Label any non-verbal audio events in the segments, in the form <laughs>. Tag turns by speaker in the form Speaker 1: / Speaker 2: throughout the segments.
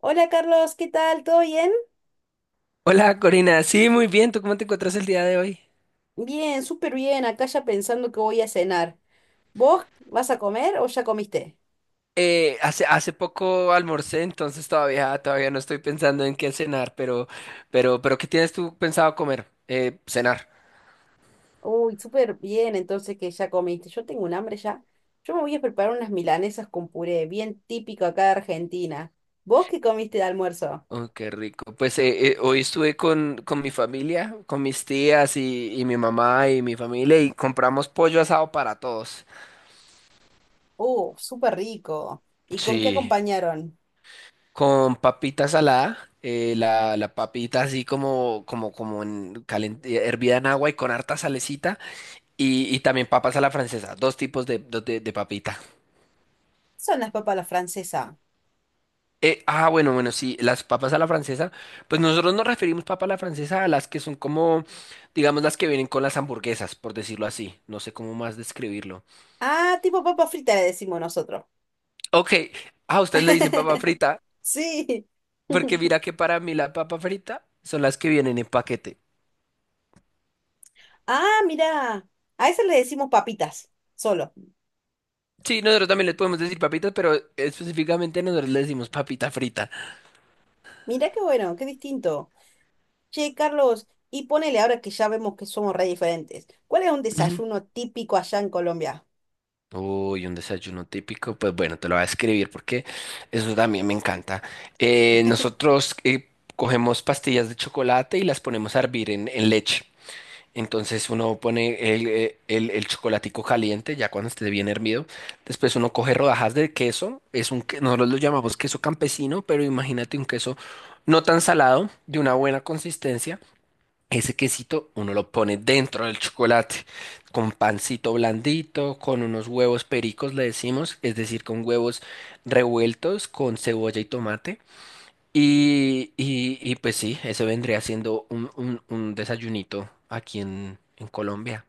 Speaker 1: Hola Carlos, ¿qué tal? ¿Todo bien?
Speaker 2: Hola Corina, sí, muy bien, ¿tú cómo te encuentras el día de hoy?
Speaker 1: Bien, súper bien. Acá ya pensando que voy a cenar. ¿Vos vas a comer o ya comiste?
Speaker 2: Hace poco almorcé, entonces todavía no estoy pensando en qué cenar, pero ¿qué tienes tú pensado comer? Cenar.
Speaker 1: Uy, súper bien, entonces que ya comiste. Yo tengo un hambre ya. Yo me voy a preparar unas milanesas con puré, bien típico acá de Argentina. ¿Vos qué comiste de almuerzo?
Speaker 2: Oh, qué rico. Pues hoy estuve con mi familia, con mis tías y mi mamá y mi familia y compramos pollo asado para todos.
Speaker 1: Súper rico. ¿Y con qué
Speaker 2: Sí,
Speaker 1: acompañaron?
Speaker 2: con papita salada, la papita así como hervida en agua y con harta salecita. Y también papas a la francesa, dos tipos de papita.
Speaker 1: Son las papas a la francesa.
Speaker 2: Ah, bueno, bueno, sí, las papas a la francesa, pues nosotros nos referimos papas a la francesa a las que son como, digamos, las que vienen con las hamburguesas, por decirlo así. No sé cómo más describirlo.
Speaker 1: Ah, tipo papa frita le decimos nosotros.
Speaker 2: Ok, ah, ustedes le dicen papa
Speaker 1: <laughs>
Speaker 2: frita,
Speaker 1: Sí.
Speaker 2: porque
Speaker 1: <laughs>
Speaker 2: mira que para mí la papa frita son las que vienen en paquete.
Speaker 1: Ah, mira, a esas le decimos papitas, solo.
Speaker 2: Sí, nosotros también les podemos decir papitas, pero específicamente nosotros le decimos papita frita.
Speaker 1: Mira qué bueno, qué distinto. Che, Carlos, y ponele ahora que ya vemos que somos re diferentes. ¿Cuál es un desayuno típico allá en Colombia?
Speaker 2: Uy, un desayuno típico, pues bueno, te lo voy a escribir porque eso también me encanta. Nosotros cogemos pastillas de chocolate y las ponemos a hervir en leche. Entonces uno pone el chocolatico caliente, ya cuando esté bien hervido. Después uno coge rodajas de queso, nosotros lo llamamos queso campesino, pero imagínate un queso no tan salado, de una buena consistencia. Ese quesito uno lo pone dentro del chocolate, con pancito blandito, con unos huevos pericos, le decimos, es decir, con huevos revueltos, con cebolla y tomate. Y pues sí, eso vendría siendo un desayunito aquí en Colombia.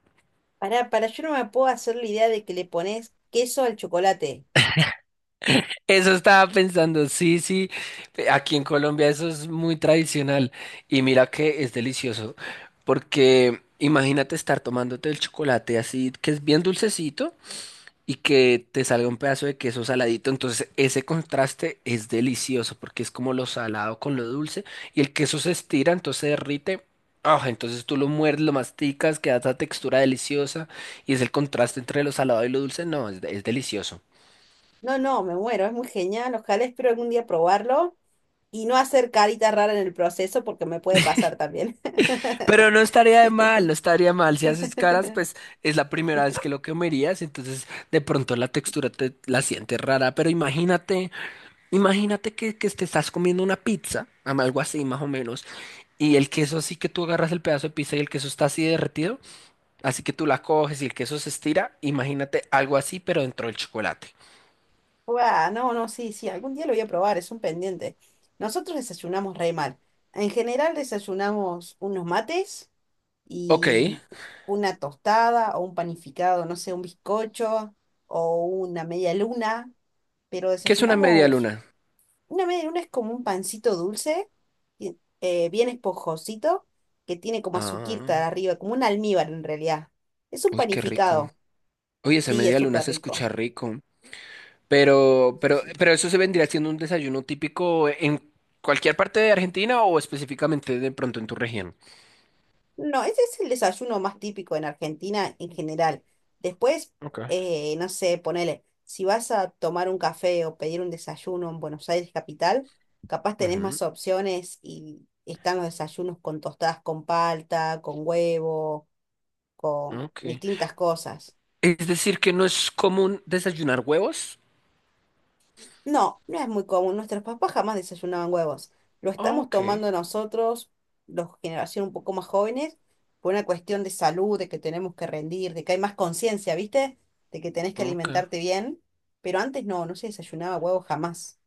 Speaker 1: Pará, para yo no me puedo hacer la idea de que le pones queso al chocolate.
Speaker 2: Eso estaba pensando, sí, sí, aquí en Colombia eso es muy tradicional. Y mira que es delicioso, porque imagínate estar tomándote el chocolate así, que es bien dulcecito. Y que te salga un pedazo de queso saladito. Entonces, ese contraste es delicioso porque es como lo salado con lo dulce y el queso se estira, entonces se derrite. Ah, entonces tú lo muerdes, lo masticas, queda esa textura deliciosa y es el contraste entre lo salado y lo dulce. No, es delicioso.
Speaker 1: No, no, me muero, es muy genial. Ojalá espero algún día probarlo y no hacer caritas raras en el proceso porque me puede pasar también.
Speaker 2: Pero no
Speaker 1: <laughs>
Speaker 2: estaría de mal, no estaría mal. Si haces caras, pues es la primera vez que lo comerías, entonces de pronto la textura te la sientes rara. Pero imagínate. Imagínate que te estás comiendo una pizza, algo así más o menos, y el queso así que tú agarras el pedazo de pizza y el queso está así derretido, así que tú la coges y el queso se estira, imagínate algo así pero dentro del chocolate.
Speaker 1: Guau, no, no, sí, sí, algún día lo voy a probar, es un pendiente. Nosotros desayunamos re mal. En general desayunamos unos mates
Speaker 2: Ok, ¿qué
Speaker 1: y una tostada o un panificado, no sé, un bizcocho o una media luna, pero
Speaker 2: es una media
Speaker 1: desayunamos,
Speaker 2: luna?
Speaker 1: una media luna es como un pancito dulce, bien esponjosito, que tiene como
Speaker 2: Ah,
Speaker 1: azuquita arriba, como un almíbar en realidad. Es un
Speaker 2: uy, qué rico.
Speaker 1: panificado,
Speaker 2: Oye, esa
Speaker 1: sí, es
Speaker 2: media luna
Speaker 1: súper
Speaker 2: se
Speaker 1: rico.
Speaker 2: escucha rico, pero,
Speaker 1: Sí, sí,
Speaker 2: pero,
Speaker 1: sí.
Speaker 2: pero eso se vendría siendo un desayuno típico en cualquier parte de Argentina o específicamente de pronto en tu región.
Speaker 1: No, ese es el desayuno más típico en Argentina en general. Después,
Speaker 2: Ok.
Speaker 1: no sé, ponele, si vas a tomar un café o pedir un desayuno en Buenos Aires capital, capaz tenés
Speaker 2: Ujú,
Speaker 1: más opciones y están los desayunos con tostadas con palta, con huevo, con
Speaker 2: ok.
Speaker 1: distintas cosas.
Speaker 2: Es decir, que no es común desayunar huevos.
Speaker 1: No, no es muy común. Nuestros papás jamás desayunaban huevos. Lo
Speaker 2: Ah,
Speaker 1: estamos
Speaker 2: ok,
Speaker 1: tomando nosotros, los generación un poco más jóvenes, por una cuestión de salud, de que tenemos que rendir, de que hay más conciencia, ¿viste? De que tenés que
Speaker 2: ok.
Speaker 1: alimentarte bien. Pero antes no, no se desayunaba huevos jamás.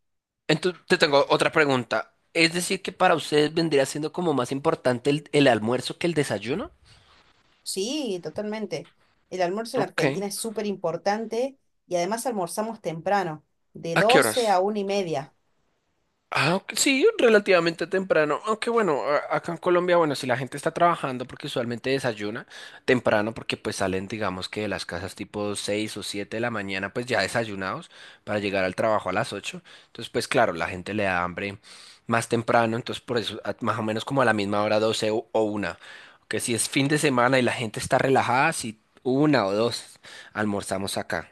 Speaker 2: Entonces, te tengo otra pregunta. Es decir, que para ustedes vendría siendo como más importante el almuerzo que el desayuno.
Speaker 1: Sí, totalmente. El almuerzo en
Speaker 2: Ok.
Speaker 1: Argentina es súper importante y además almorzamos temprano, de
Speaker 2: ¿A qué
Speaker 1: 12 a
Speaker 2: horas?
Speaker 1: una y media.
Speaker 2: Ah, ok, sí, relativamente temprano, aunque bueno, acá en Colombia, bueno, si la gente está trabajando porque usualmente desayuna temprano porque pues salen digamos que de las casas tipo 6 o 7 de la mañana pues ya desayunados para llegar al trabajo a las 8, entonces pues claro, la gente le da hambre más temprano, entonces por eso más o menos como a la misma hora 12 o una, que si es fin de semana y la gente está relajada, si 1 o 2 almorzamos acá.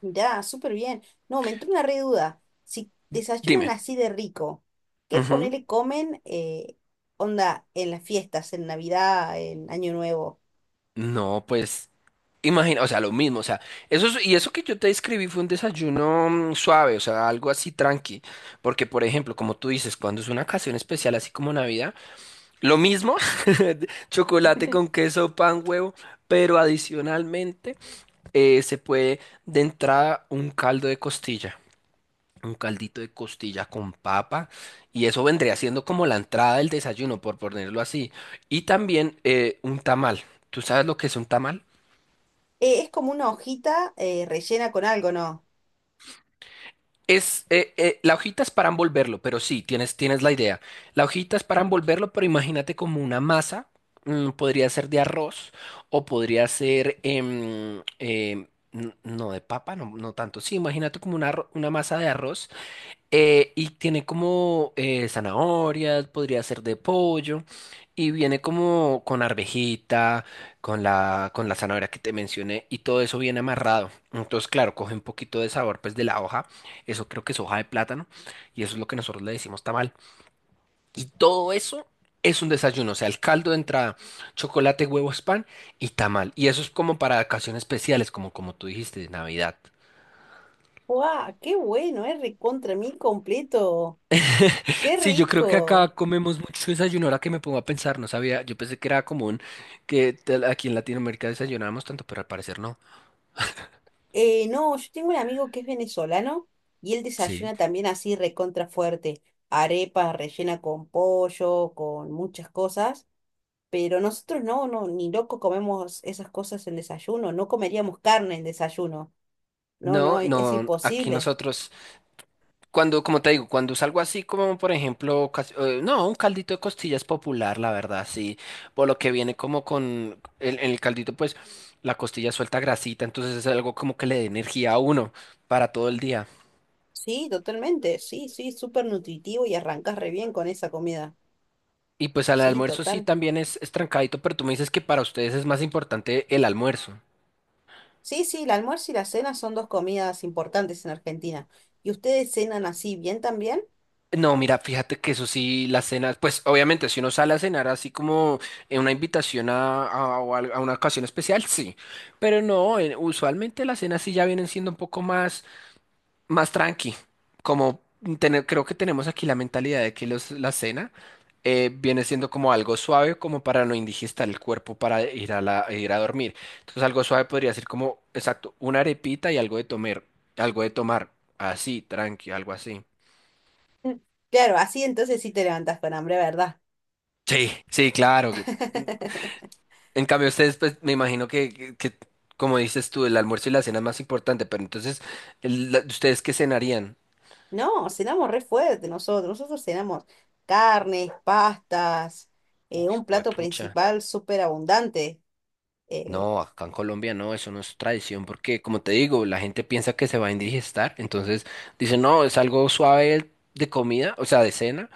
Speaker 1: Mirá, súper bien. No, me entró una re duda. Si desayunan
Speaker 2: Dime.
Speaker 1: así de rico, ¿qué
Speaker 2: Ujú.
Speaker 1: ponele comen onda en las fiestas, en Navidad, en Año Nuevo?
Speaker 2: No, pues imagina, o sea, lo mismo, o sea, y eso que yo te describí fue un desayuno suave, o sea, algo así tranqui, porque por ejemplo, como tú dices, cuando es una ocasión especial así como Navidad, lo mismo, <laughs> chocolate con
Speaker 1: <laughs>
Speaker 2: queso, pan, huevo, pero adicionalmente se puede de entrada un caldo de costilla, un caldito de costilla con papa, y eso vendría siendo como la entrada del desayuno, por ponerlo así, y también un tamal. ¿Tú sabes lo que es un tamal?
Speaker 1: Es como una hojita rellena con algo, ¿no?
Speaker 2: La hojita es para envolverlo, pero sí, tienes la idea. La hojita es para envolverlo, pero imagínate como una masa, podría ser de arroz o podría ser, no de papa, no, no tanto. Sí, imagínate como una masa de arroz, y tiene como zanahorias, podría ser de pollo, y viene como con arvejita, con la zanahoria que te mencioné, y todo eso viene amarrado. Entonces, claro, coge un poquito de sabor pues de la hoja, eso creo que es hoja de plátano, y eso es lo que nosotros le decimos tamal. Y todo eso es un desayuno, o sea, el caldo de entrada, chocolate, huevos, pan y tamal. Y eso es como para ocasiones especiales, como tú dijiste, de Navidad.
Speaker 1: ¡Guau! ¡Qué bueno! Es recontra mí completo. ¡Qué
Speaker 2: Sí, yo creo que acá
Speaker 1: rico!
Speaker 2: comemos mucho desayuno. Ahora que me pongo a pensar, no sabía, yo pensé que era común aquí en Latinoamérica desayunábamos tanto, pero al parecer no.
Speaker 1: No, yo tengo un amigo que es venezolano y él
Speaker 2: Sí.
Speaker 1: desayuna también así recontra fuerte. Arepa rellena con pollo, con muchas cosas. Pero nosotros no, no, ni loco comemos esas cosas en desayuno, no comeríamos carne en desayuno. No, no,
Speaker 2: No,
Speaker 1: es
Speaker 2: no, aquí
Speaker 1: imposible.
Speaker 2: nosotros, cuando, como te digo, cuando salgo así como, por ejemplo, no, un caldito de costillas popular, la verdad, sí, por lo que viene como con el caldito, pues la costilla suelta grasita, entonces es algo como que le dé energía a uno para todo el día.
Speaker 1: Sí, totalmente, sí, sí, súper nutritivo y arrancas re bien con esa comida.
Speaker 2: Y pues al
Speaker 1: Sí,
Speaker 2: almuerzo sí
Speaker 1: total.
Speaker 2: también es trancadito, pero tú me dices que para ustedes es más importante el almuerzo.
Speaker 1: Sí, sí, el almuerzo y la cena son dos comidas importantes en Argentina. ¿Y ustedes cenan así bien también?
Speaker 2: No, mira, fíjate que eso sí, las cenas, pues obviamente si uno sale a cenar así como en una invitación a una ocasión especial, sí, pero no, usualmente las cenas sí ya vienen siendo un poco más tranqui, como tener, creo que tenemos aquí la mentalidad de que la cena viene siendo como algo suave como para no indigestar el cuerpo para ir a dormir, entonces algo suave podría ser como, exacto, una arepita y algo de tomar, así, tranqui, algo así.
Speaker 1: <laughs> Claro, así entonces sí te levantas con hambre, ¿verdad?
Speaker 2: Sí, sí, claro.
Speaker 1: <laughs>
Speaker 2: En cambio, ustedes, pues, me imagino que, como dices tú, el almuerzo y la cena es más importante, pero entonces, ¿ustedes qué cenarían?
Speaker 1: No, cenamos re fuerte nosotros. Nosotros cenamos carnes, pastas,
Speaker 2: Uy,
Speaker 1: un plato
Speaker 2: juepucha.
Speaker 1: principal súper abundante. eh,
Speaker 2: No, acá en Colombia no, eso no es tradición, porque como te digo, la gente piensa que se va a indigestar, entonces dice, no, es algo suave de comida, o sea, de cena,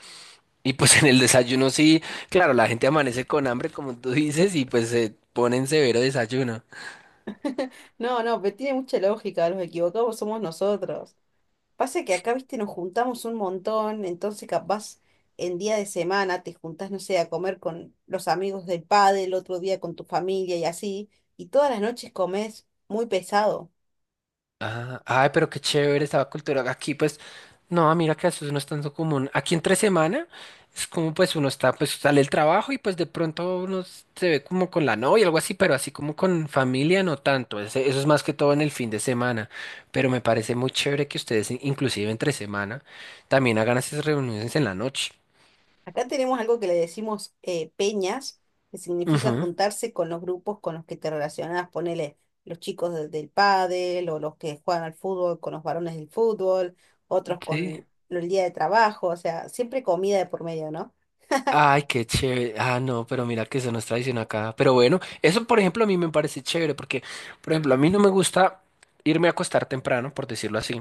Speaker 2: y pues <laughs> en el desayuno sí, claro, la gente amanece con hambre, como tú dices, y pues se pone en severo desayuno.
Speaker 1: no, no, pero tiene mucha lógica, los equivocados somos nosotros. Pasa que acá, viste, nos juntamos un montón, entonces capaz en día de semana te juntás, no sé, a comer con los amigos del padre, el otro día con tu familia y así, y todas las noches comes muy pesado.
Speaker 2: Ah, ay, pero qué chévere esa cultura. Aquí, pues, no, mira que eso no es tanto común. Aquí entre semana es como pues uno está, pues sale el trabajo y pues de pronto uno se ve como con la novia, algo así, pero así como con familia no tanto. Eso es más que todo en el fin de semana. Pero me parece muy chévere que ustedes, inclusive entre semana, también hagan esas reuniones en la noche.
Speaker 1: Acá tenemos algo que le decimos peñas, que significa
Speaker 2: Ujú,
Speaker 1: juntarse con los grupos con los que te relacionás, ponele los chicos del pádel o los que juegan al fútbol con los varones del fútbol, otros
Speaker 2: sí.
Speaker 1: con el día de trabajo, o sea, siempre comida de por medio, ¿no?
Speaker 2: Ay, qué chévere. Ah, no, pero mira que eso no es tradición acá. Pero bueno, eso por ejemplo a mí me parece chévere porque, por ejemplo, a mí no me gusta irme a acostar temprano, por decirlo así.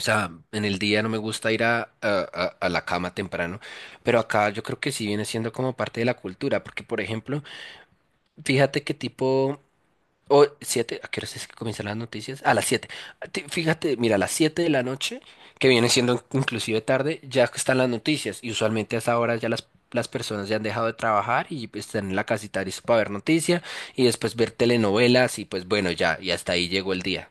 Speaker 2: O sea, en el día no me gusta ir a la cama temprano, pero acá yo creo que sí viene siendo como parte de la cultura, porque por ejemplo, fíjate qué tipo, o siete, ¿a qué hora es que comienzan las noticias? A las 7. Fíjate, mira, a las 7 de la noche, que viene siendo inclusive tarde, ya están las noticias. Y usualmente a esa hora ya las personas ya han dejado de trabajar y pues, están en la casita listo para ver noticias y después ver telenovelas y pues bueno, ya, y hasta ahí llegó el día.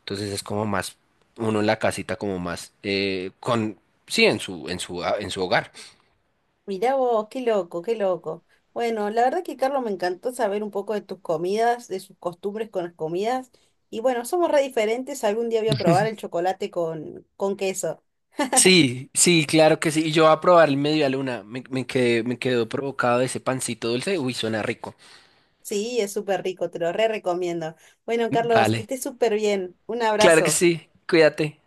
Speaker 2: Entonces es como más, uno en la casita como más, sí, en su hogar.
Speaker 1: Mirá vos, qué loco, qué loco. Bueno, la verdad que Carlos me encantó saber un poco de tus comidas, de sus costumbres con las comidas. Y bueno, somos re diferentes, algún día voy a probar el chocolate con queso.
Speaker 2: Sí, sí, claro que sí. Y yo voy a probar el media luna. Me quedó provocado ese pancito dulce. Uy, suena rico.
Speaker 1: Sí, es súper rico, te lo re recomiendo. Bueno, Carlos, que
Speaker 2: Vale,
Speaker 1: estés súper bien. Un
Speaker 2: claro que
Speaker 1: abrazo.
Speaker 2: sí, cuídate.